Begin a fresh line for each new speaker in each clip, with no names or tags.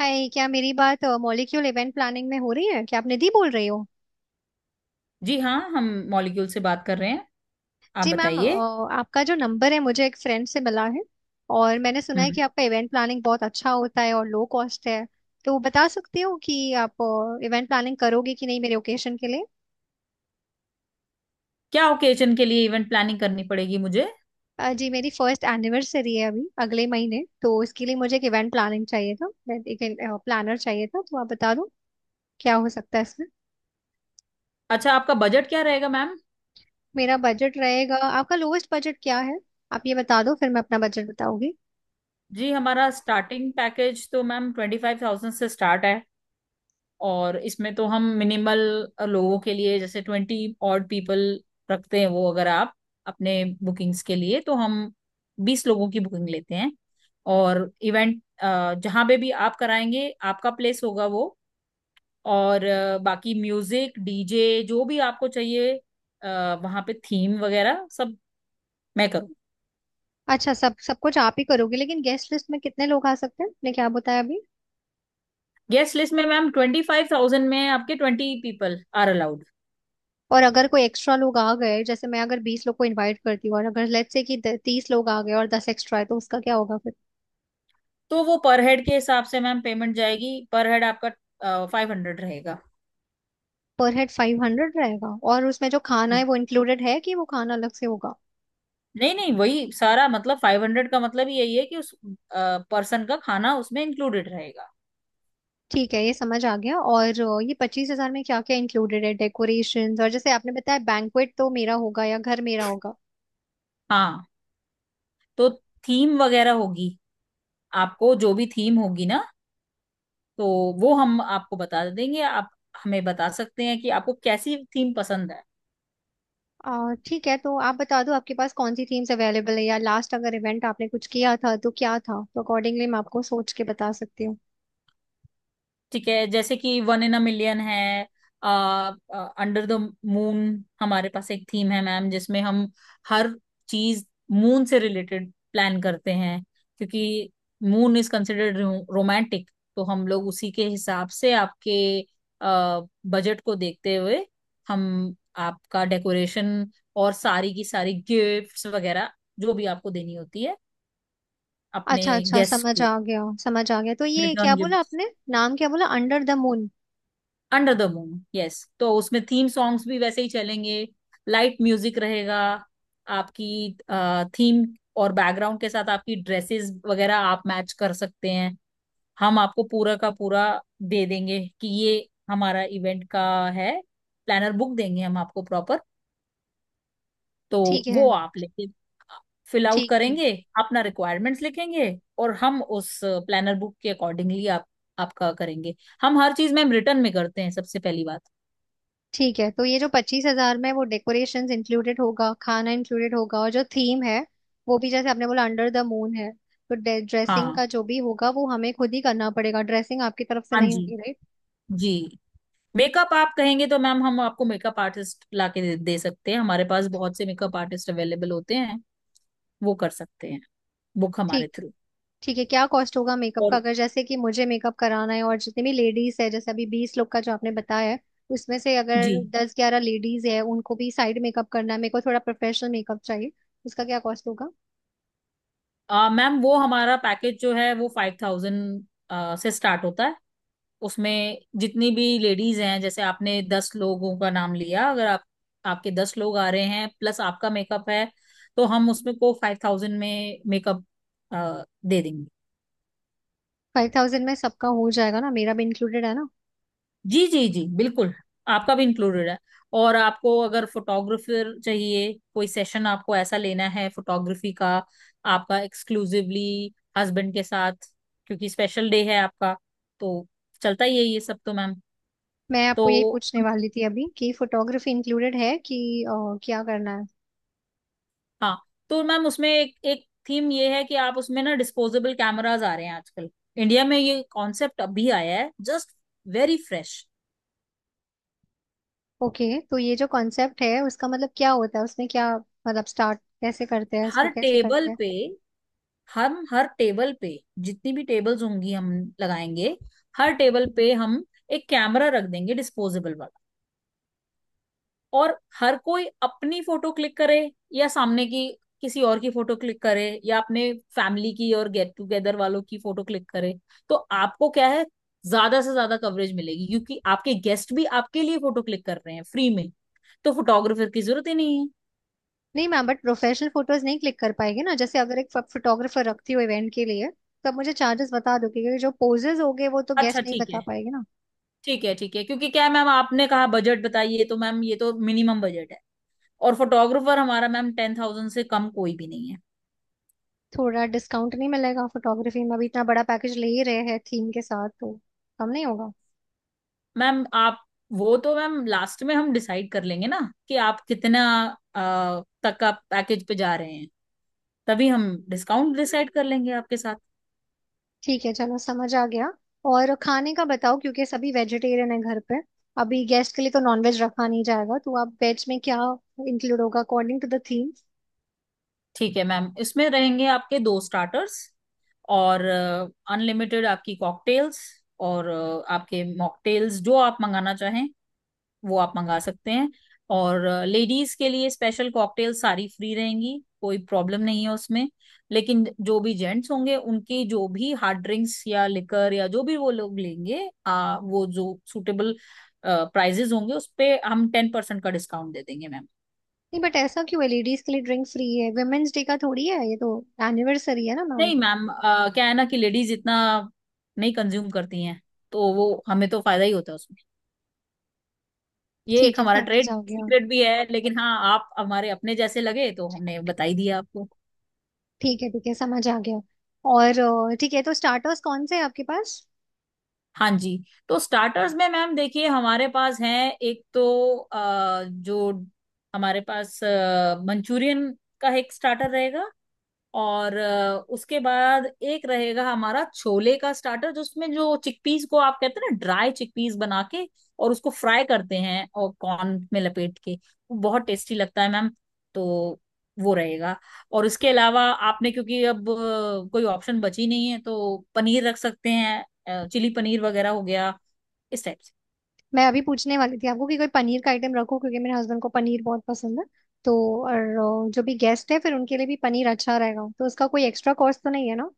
हाय, क्या मेरी बात मॉलिक्यूल इवेंट प्लानिंग में हो रही है? क्या आप निधि बोल रही हो?
जी हाँ हम मॉलिक्यूल से बात कर रहे हैं। आप
जी मैम।
बताइए।
आपका जो नंबर है मुझे एक फ्रेंड से मिला है। और मैंने सुना है कि
हम्म।
आपका इवेंट प्लानिंग बहुत अच्छा होता है और लो कॉस्ट है। तो बता सकती हो कि आप इवेंट प्लानिंग करोगे कि नहीं मेरे ओकेशन के लिए?
क्या ओकेजन के लिए इवेंट प्लानिंग करनी पड़ेगी मुझे?
जी, मेरी फर्स्ट एनिवर्सरी है अभी अगले महीने, तो इसके लिए मुझे एक इवेंट प्लानिंग चाहिए था, एक प्लानर चाहिए था। तो आप बता दो क्या हो सकता है इसमें।
अच्छा, आपका बजट क्या रहेगा मैम?
मेरा बजट रहेगा, आपका लोवेस्ट बजट क्या है? आप ये बता दो, फिर मैं अपना बजट बताऊंगी।
जी, हमारा स्टार्टिंग पैकेज तो मैम 25,000 से स्टार्ट है। और इसमें तो हम मिनिमल लोगों के लिए जैसे 20 ऑड पीपल रखते हैं। वो अगर आप अपने बुकिंग्स के लिए तो हम 20 लोगों की बुकिंग लेते हैं। और इवेंट जहाँ पे भी आप कराएंगे आपका प्लेस होगा वो। और बाकी म्यूजिक डीजे जो भी आपको चाहिए वहां पे थीम वगैरह सब मैं करूँ।
अच्छा, सब सब कुछ आप ही करोगे? लेकिन गेस्ट लिस्ट में कितने लोग आ सकते हैं, आपने क्या बताया अभी?
गेस्ट लिस्ट में मैम 25,000 में आपके 20 पीपल आर अलाउड।
और अगर कोई एक्स्ट्रा लोग आ गए, जैसे मैं अगर 20 लोग को इनवाइट करती हूँ और अगर लेट्स से कि 30 लोग आ गए और 10 एक्स्ट्रा है, तो उसका क्या होगा फिर?
तो वो पर हेड के हिसाब से मैम पेमेंट जाएगी। पर हेड आपका 500 रहेगा।
पर हेड 500 रहेगा? और उसमें जो खाना है वो इंक्लूडेड है कि वो खाना अलग से होगा?
नहीं नहीं, वही सारा मतलब 500 का मतलब यही है कि उस पर्सन का खाना उसमें इंक्लूडेड रहेगा।
ठीक है, ये समझ आ गया। और ये 25 हजार में क्या क्या इंक्लूडेड है? डेकोरेशंस? और जैसे आपने बताया, बैंक्वेट तो मेरा होगा या घर मेरा होगा?
हाँ। तो थीम वगैरह होगी। आपको जो भी थीम होगी ना, तो वो हम आपको बता देंगे। आप हमें बता सकते हैं कि आपको कैसी थीम पसंद है।
ठीक है, तो आप बता दो आपके पास कौन सी थीम्स अवेलेबल है, या लास्ट अगर इवेंट आपने कुछ किया था तो क्या था, तो अकॉर्डिंगली मैं आपको सोच के बता सकती हूँ।
ठीक है, जैसे कि वन इन अ मिलियन है। आ, अंडर द मून हमारे पास एक थीम है मैम, जिसमें हम हर चीज मून से रिलेटेड प्लान करते हैं। क्योंकि मून इज कंसिडर्ड रोमांटिक। तो हम लोग उसी के हिसाब से आपके बजट को देखते हुए हम आपका डेकोरेशन और सारी की सारी गिफ्ट्स वगैरह जो भी आपको देनी होती है अपने
अच्छा अच्छा,
गेस्ट
समझ
को
आ गया समझ आ गया। तो ये क्या
रिटर्न
बोला
गिफ्ट
आपने, नाम क्या बोला, under the moon?
Under the moon, yes. तो उसमें थीम सॉन्ग्स भी वैसे ही चलेंगे। लाइट म्यूजिक रहेगा। आपकी थीम और बैकग्राउंड के साथ आपकी ड्रेसेस वगैरह आप मैच कर सकते हैं। हम आपको पूरा का पूरा दे देंगे कि ये हमारा इवेंट का है। प्लानर बुक देंगे हम आपको प्रॉपर। तो
ठीक है।
वो आप लेके फिल आउट
ठीक है।
करेंगे, अपना रिक्वायरमेंट्स लिखेंगे, और हम उस प्लानर बुक के अकॉर्डिंगली आप आपका करेंगे। हम हर चीज मैम रिटर्न में करते हैं, सबसे पहली बात।
ठीक है, तो ये जो 25 हजार में, वो डेकोरेशंस इंक्लूडेड होगा, खाना इंक्लूडेड होगा, और जो थीम है वो भी जैसे आपने बोला अंडर द मून है। तो ड्रेसिंग
हाँ।
का जो भी होगा वो हमें खुद ही करना पड़ेगा, ड्रेसिंग आपकी तरफ से
हाँ
नहीं
जी।
होगी, राइट?
जी। मेकअप आप कहेंगे तो मैम हम आपको मेकअप आर्टिस्ट ला के दे सकते हैं। हमारे पास बहुत से मेकअप आर्टिस्ट अवेलेबल होते हैं। वो कर सकते हैं बुक हमारे थ्रू।
ठीक है। क्या कॉस्ट होगा मेकअप का
और
अगर जैसे कि मुझे मेकअप कराना है और जितने भी लेडीज है, जैसे अभी 20 लोग का जो आपने बताया है, उसमें से
जी
अगर 10 11 लेडीज है, उनको भी साइड मेकअप करना है, मेरे को थोड़ा प्रोफेशनल मेकअप चाहिए, उसका क्या कॉस्ट होगा?
मैम वो हमारा पैकेज जो है वो 5,000 से स्टार्ट होता है। उसमें जितनी भी लेडीज हैं जैसे आपने 10 लोगों का नाम लिया, अगर आप आपके 10 लोग आ रहे हैं प्लस आपका मेकअप है, तो हम उसमें को 5,000 में मेकअप दे देंगे।
5000 में सबका हो जाएगा ना, मेरा भी इंक्लूडेड है ना?
जी जी जी बिल्कुल, आपका भी इंक्लूडेड है। और आपको अगर फोटोग्राफर चाहिए कोई सेशन आपको ऐसा लेना है फोटोग्राफी का, आपका एक्सक्लूसिवली हस्बैंड के साथ, क्योंकि स्पेशल डे है आपका। तो चलता ही है ये सब तो मैम।
मैं आपको यही
तो
पूछने वाली थी अभी कि फोटोग्राफी इंक्लूडेड है कि क्या करना है?
हाँ, तो मैम उसमें एक एक थीम ये है कि आप उसमें ना डिस्पोजेबल कैमराज आ रहे हैं आजकल। इंडिया में ये कॉन्सेप्ट अभी आया है जस्ट, वेरी फ्रेश।
ओके, तो ये जो कॉन्सेप्ट है उसका मतलब क्या होता है, उसमें क्या मतलब, स्टार्ट कैसे करते हैं, इसको
हर
कैसे
टेबल
करते हैं?
पे हम, हर टेबल पे जितनी भी टेबल्स होंगी हम लगाएंगे। हर टेबल पे हम एक कैमरा रख देंगे डिस्पोजेबल वाला। और हर कोई अपनी फोटो क्लिक करे या सामने की किसी और की फोटो क्लिक करे या अपने फैमिली की और गेट टुगेदर वालों की फोटो क्लिक करे। तो आपको क्या है, ज्यादा से ज्यादा कवरेज मिलेगी क्योंकि आपके गेस्ट भी आपके लिए फोटो क्लिक कर रहे हैं फ्री में। तो फोटोग्राफर की जरूरत ही नहीं है।
नहीं मैम, बट प्रोफेशनल फोटोज नहीं क्लिक कर पाएगी ना। जैसे अगर एक फोटोग्राफर रखती हूँ इवेंट के लिए, तो आप मुझे चार्जेस बता दो, क्योंकि जो पोजेज हो गए वो तो
अच्छा
गेस्ट नहीं
ठीक
बता
है।
पाएगी ना।
ठीक है ठीक है, क्योंकि क्या है मैम, आपने कहा बजट बताइए, तो मैम ये तो मिनिमम बजट है। और फोटोग्राफर हमारा मैम 10,000 से कम कोई भी नहीं है।
थोड़ा डिस्काउंट नहीं मिलेगा फोटोग्राफी में? अभी इतना बड़ा पैकेज ले ही रहे हैं थीम के साथ, तो कम नहीं होगा?
मैम आप, वो तो मैम लास्ट में हम डिसाइड कर लेंगे ना कि आप कितना तक का पैकेज पे जा रहे हैं। तभी हम डिस्काउंट डिसाइड कर लेंगे आपके साथ।
ठीक है, चलो समझ आ गया। और खाने का बताओ, क्योंकि सभी वेजिटेरियन है घर पे। अभी गेस्ट के लिए तो नॉनवेज रखा नहीं जाएगा, तो आप वेज में क्या इंक्लूड होगा अकॉर्डिंग टू द थीम?
ठीक है मैम, इसमें रहेंगे आपके दो स्टार्टर्स और अनलिमिटेड आपकी कॉकटेल्स और आपके मॉकटेल्स जो आप मंगाना चाहें वो आप मंगा सकते हैं। और लेडीज के लिए स्पेशल कॉकटेल सारी फ्री रहेंगी, कोई प्रॉब्लम नहीं है उसमें। लेकिन जो भी जेंट्स होंगे उनकी जो भी हार्ड ड्रिंक्स या लिकर या जो भी वो लोग लेंगे, वो जो सूटेबल प्राइजेस होंगे उस पे हम 10% का डिस्काउंट दे देंगे मैम।
नहीं, बट ऐसा क्यों है लेडीज के लिए ड्रिंक फ्री है? वुमेन्स डे का थोड़ी है ये, तो एनिवर्सरी है ना मैम।
नहीं मैम, क्या है ना कि लेडीज इतना नहीं कंज्यूम करती हैं। तो वो हमें तो फायदा ही होता है उसमें। ये
ठीक
एक
है,
हमारा
समझ
ट्रेड
आ गया।
सीक्रेट भी है, लेकिन हाँ, आप हमारे अपने जैसे लगे तो हमने बता ही दिया आपको।
ठीक है, ठीक है, समझ आ गया। और ठीक है, तो स्टार्टर्स कौन से हैं आपके पास?
हाँ जी, तो स्टार्टर्स में मैम देखिए, हमारे पास हैं एक तो जो हमारे पास मंचूरियन का एक स्टार्टर रहेगा। और उसके बाद एक रहेगा हमारा छोले का स्टार्टर, जिसमें जो चिकपीस को आप कहते हैं ना, ड्राई चिकपीस बना के और उसको फ्राई करते हैं और कॉर्न में लपेट के, वो बहुत टेस्टी लगता है मैम। तो वो रहेगा। और इसके अलावा आपने, क्योंकि अब कोई ऑप्शन बची नहीं है तो पनीर रख सकते हैं, चिली पनीर वगैरह हो गया इस टाइप से।
मैं अभी पूछने वाली थी आपको कि कोई पनीर का आइटम रखो, क्योंकि मेरे हस्बैंड को पनीर बहुत पसंद है। तो और जो भी गेस्ट है, फिर उनके लिए भी पनीर अच्छा रहेगा, तो उसका कोई एक्स्ट्रा कॉस्ट तो नहीं है ना?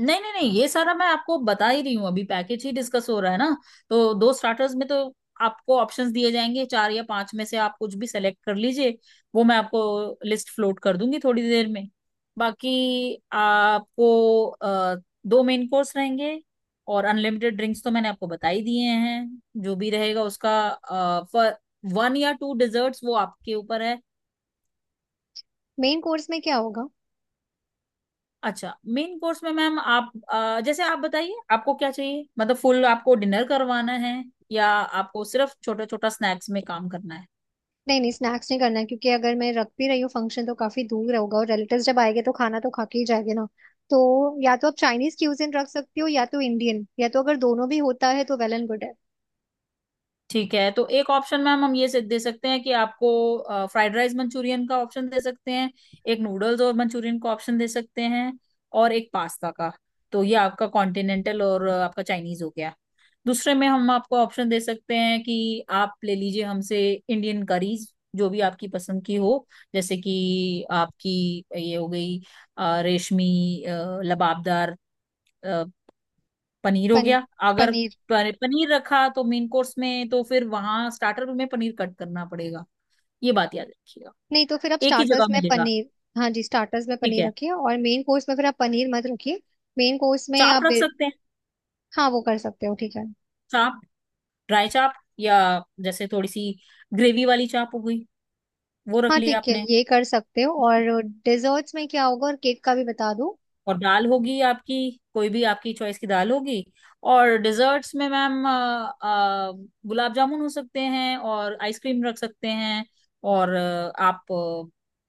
नहीं नहीं नहीं, ये सारा मैं आपको बता ही रही हूँ, अभी पैकेज ही डिस्कस हो रहा है ना। तो दो स्टार्टर्स में तो आपको ऑप्शंस दिए जाएंगे, चार या पांच में से आप कुछ भी सेलेक्ट कर लीजिए। वो मैं आपको लिस्ट फ्लोट कर दूंगी थोड़ी देर में। बाकी आपको दो मेन कोर्स रहेंगे। और अनलिमिटेड ड्रिंक्स तो मैंने आपको बता ही दिए हैं, जो भी रहेगा उसका। वन या टू डिजर्ट्स वो आपके ऊपर है।
मेन कोर्स में क्या होगा?
अच्छा मेन कोर्स में मैम आप जैसे आप बताइए आपको क्या चाहिए। मतलब फुल आपको डिनर करवाना है या आपको सिर्फ छोटा छोटा स्नैक्स में काम करना है।
नहीं नहीं, स्नैक्स नहीं करना है, क्योंकि अगर मैं रख भी रही हूँ फंक्शन तो काफी दूर होगा और रिलेटिव्स जब आएंगे तो खाना तो खा के ही जाएंगे ना। तो या तो आप चाइनीज क्यूजिन रख सकती हो या तो इंडियन, या तो अगर दोनों भी होता है तो वेल एंड गुड है।
ठीक है, तो एक ऑप्शन मैम हम दे सकते हैं कि आपको फ्राइड राइस मंचूरियन का ऑप्शन दे सकते हैं, एक नूडल्स और मंचूरियन का ऑप्शन दे सकते हैं, और एक पास्ता का। तो ये आपका कॉन्टिनेंटल और आपका चाइनीज हो गया। दूसरे में हम आपको ऑप्शन दे सकते हैं कि आप ले लीजिए हमसे इंडियन करीज जो भी आपकी पसंद की हो। जैसे कि आपकी ये हो गई रेशमी, लबाबदार पनीर हो
पन,
गया। अगर
पनीर।
प- पनीर रखा तो मेन कोर्स में तो फिर वहां स्टार्टर में पनीर कट करना पड़ेगा, ये बात याद रखिएगा।
नहीं, तो फिर आप
एक ही
स्टार्टर्स
जगह
में
मिलेगा।
पनीर। हाँ जी, स्टार्टर्स में
ठीक
पनीर
है,
रखिए और मेन कोर्स में फिर आप पनीर मत रखिए। मेन कोर्स में
चाप
आप
रख सकते हैं।
हाँ, वो कर सकते हो, ठीक है।
चाप, ड्राई चाप, या जैसे थोड़ी सी ग्रेवी वाली चाप हो गई, वो रख
हाँ
लिया
ठीक है,
आपने।
ये कर सकते हो। और डिजर्ट्स में क्या होगा? और केक का भी बता दूं।
और दाल होगी आपकी, कोई भी आपकी चॉइस की दाल होगी। और डिजर्ट्स में मैम अ, गुलाब जामुन हो सकते हैं और आइसक्रीम रख सकते हैं। और आप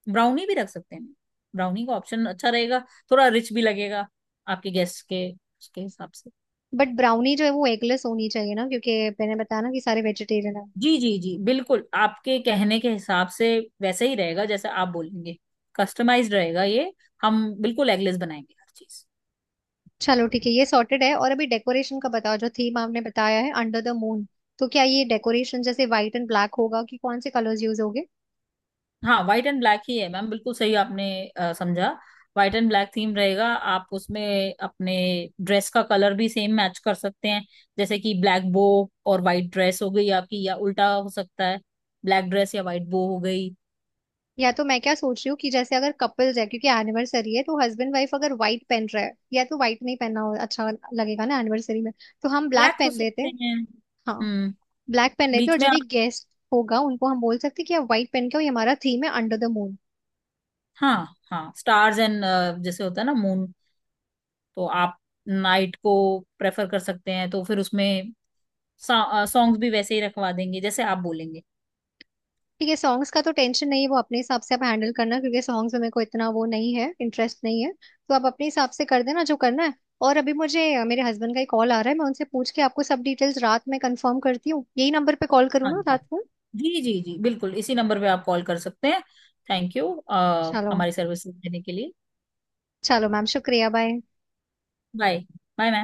ब्राउनी भी रख सकते हैं। ब्राउनी का ऑप्शन अच्छा रहेगा, थोड़ा रिच भी लगेगा आपके गेस्ट के उसके हिसाब से।
बट ब्राउनी जो है वो एगलेस होनी चाहिए ना, क्योंकि मैंने बताया ना कि सारे वेजिटेरियन है।
जी जी जी बिल्कुल, आपके कहने के हिसाब से वैसे ही रहेगा जैसे आप बोलेंगे। कस्टमाइज्ड रहेगा ये। हम बिल्कुल एगलेस बनाएंगे हर चीज।
चलो ठीक है, ये सॉर्टेड है। और अभी डेकोरेशन का बताओ, जो थीम आपने बताया है अंडर द मून, तो क्या ये डेकोरेशन जैसे व्हाइट एंड ब्लैक होगा, कि कौन से कलर्स यूज होंगे?
हाँ, व्हाइट एंड ब्लैक ही है मैम, बिल्कुल सही आपने समझा। व्हाइट एंड ब्लैक थीम रहेगा। आप उसमें अपने ड्रेस का कलर भी सेम मैच कर सकते हैं। जैसे कि ब्लैक बो और वाइट ड्रेस हो गई आपकी, या उल्टा हो सकता है, ब्लैक ड्रेस या वाइट बो हो गई।
या तो मैं क्या सोच रही हूँ कि जैसे अगर कपल्स है, क्योंकि एनिवर्सरी है, तो हस्बैंड वाइफ अगर व्हाइट पहन रहा है, या तो व्हाइट नहीं पहनना, हो अच्छा लगेगा ना एनिवर्सरी में। तो हम ब्लैक
ब्लैक हो
पहन लेते
सकते
हैं।
हैं।
हाँ,
हम्म।
ब्लैक पहन लेते हैं
बीच
और
में
जो भी
आप,
गेस्ट होगा उनको हम बोल सकते हैं कि आप व्हाइट पहन के आओ, ये हमारा थीम है अंडर द मून।
हाँ हाँ, स्टार्स एंड, जैसे होता है ना मून। तो आप नाइट को प्रेफर कर सकते हैं। तो फिर उसमें सॉन्ग्स भी वैसे ही रखवा देंगे जैसे आप बोलेंगे।
ठीक है, सॉन्ग्स का तो टेंशन नहीं है, वो अपने हिसाब से आप हैंडल करना, क्योंकि सॉन्ग्स में मेरे को इतना वो नहीं है, इंटरेस्ट नहीं है। तो आप अपने हिसाब से कर देना जो करना है। और अभी मुझे मेरे हस्बैंड का ही कॉल आ रहा है, मैं उनसे पूछ के आपको सब डिटेल्स रात में कंफर्म करती हूँ। यही नंबर पे कॉल करूँ
हाँ
ना
जी।
रात को?
जी जी जी बिल्कुल, इसी नंबर पे आप कॉल कर सकते हैं। थैंक यू
चलो।
हमारी सर्विस देने के लिए।
चलो मैम, शुक्रिया। बाय।
बाय। Bye ma'am.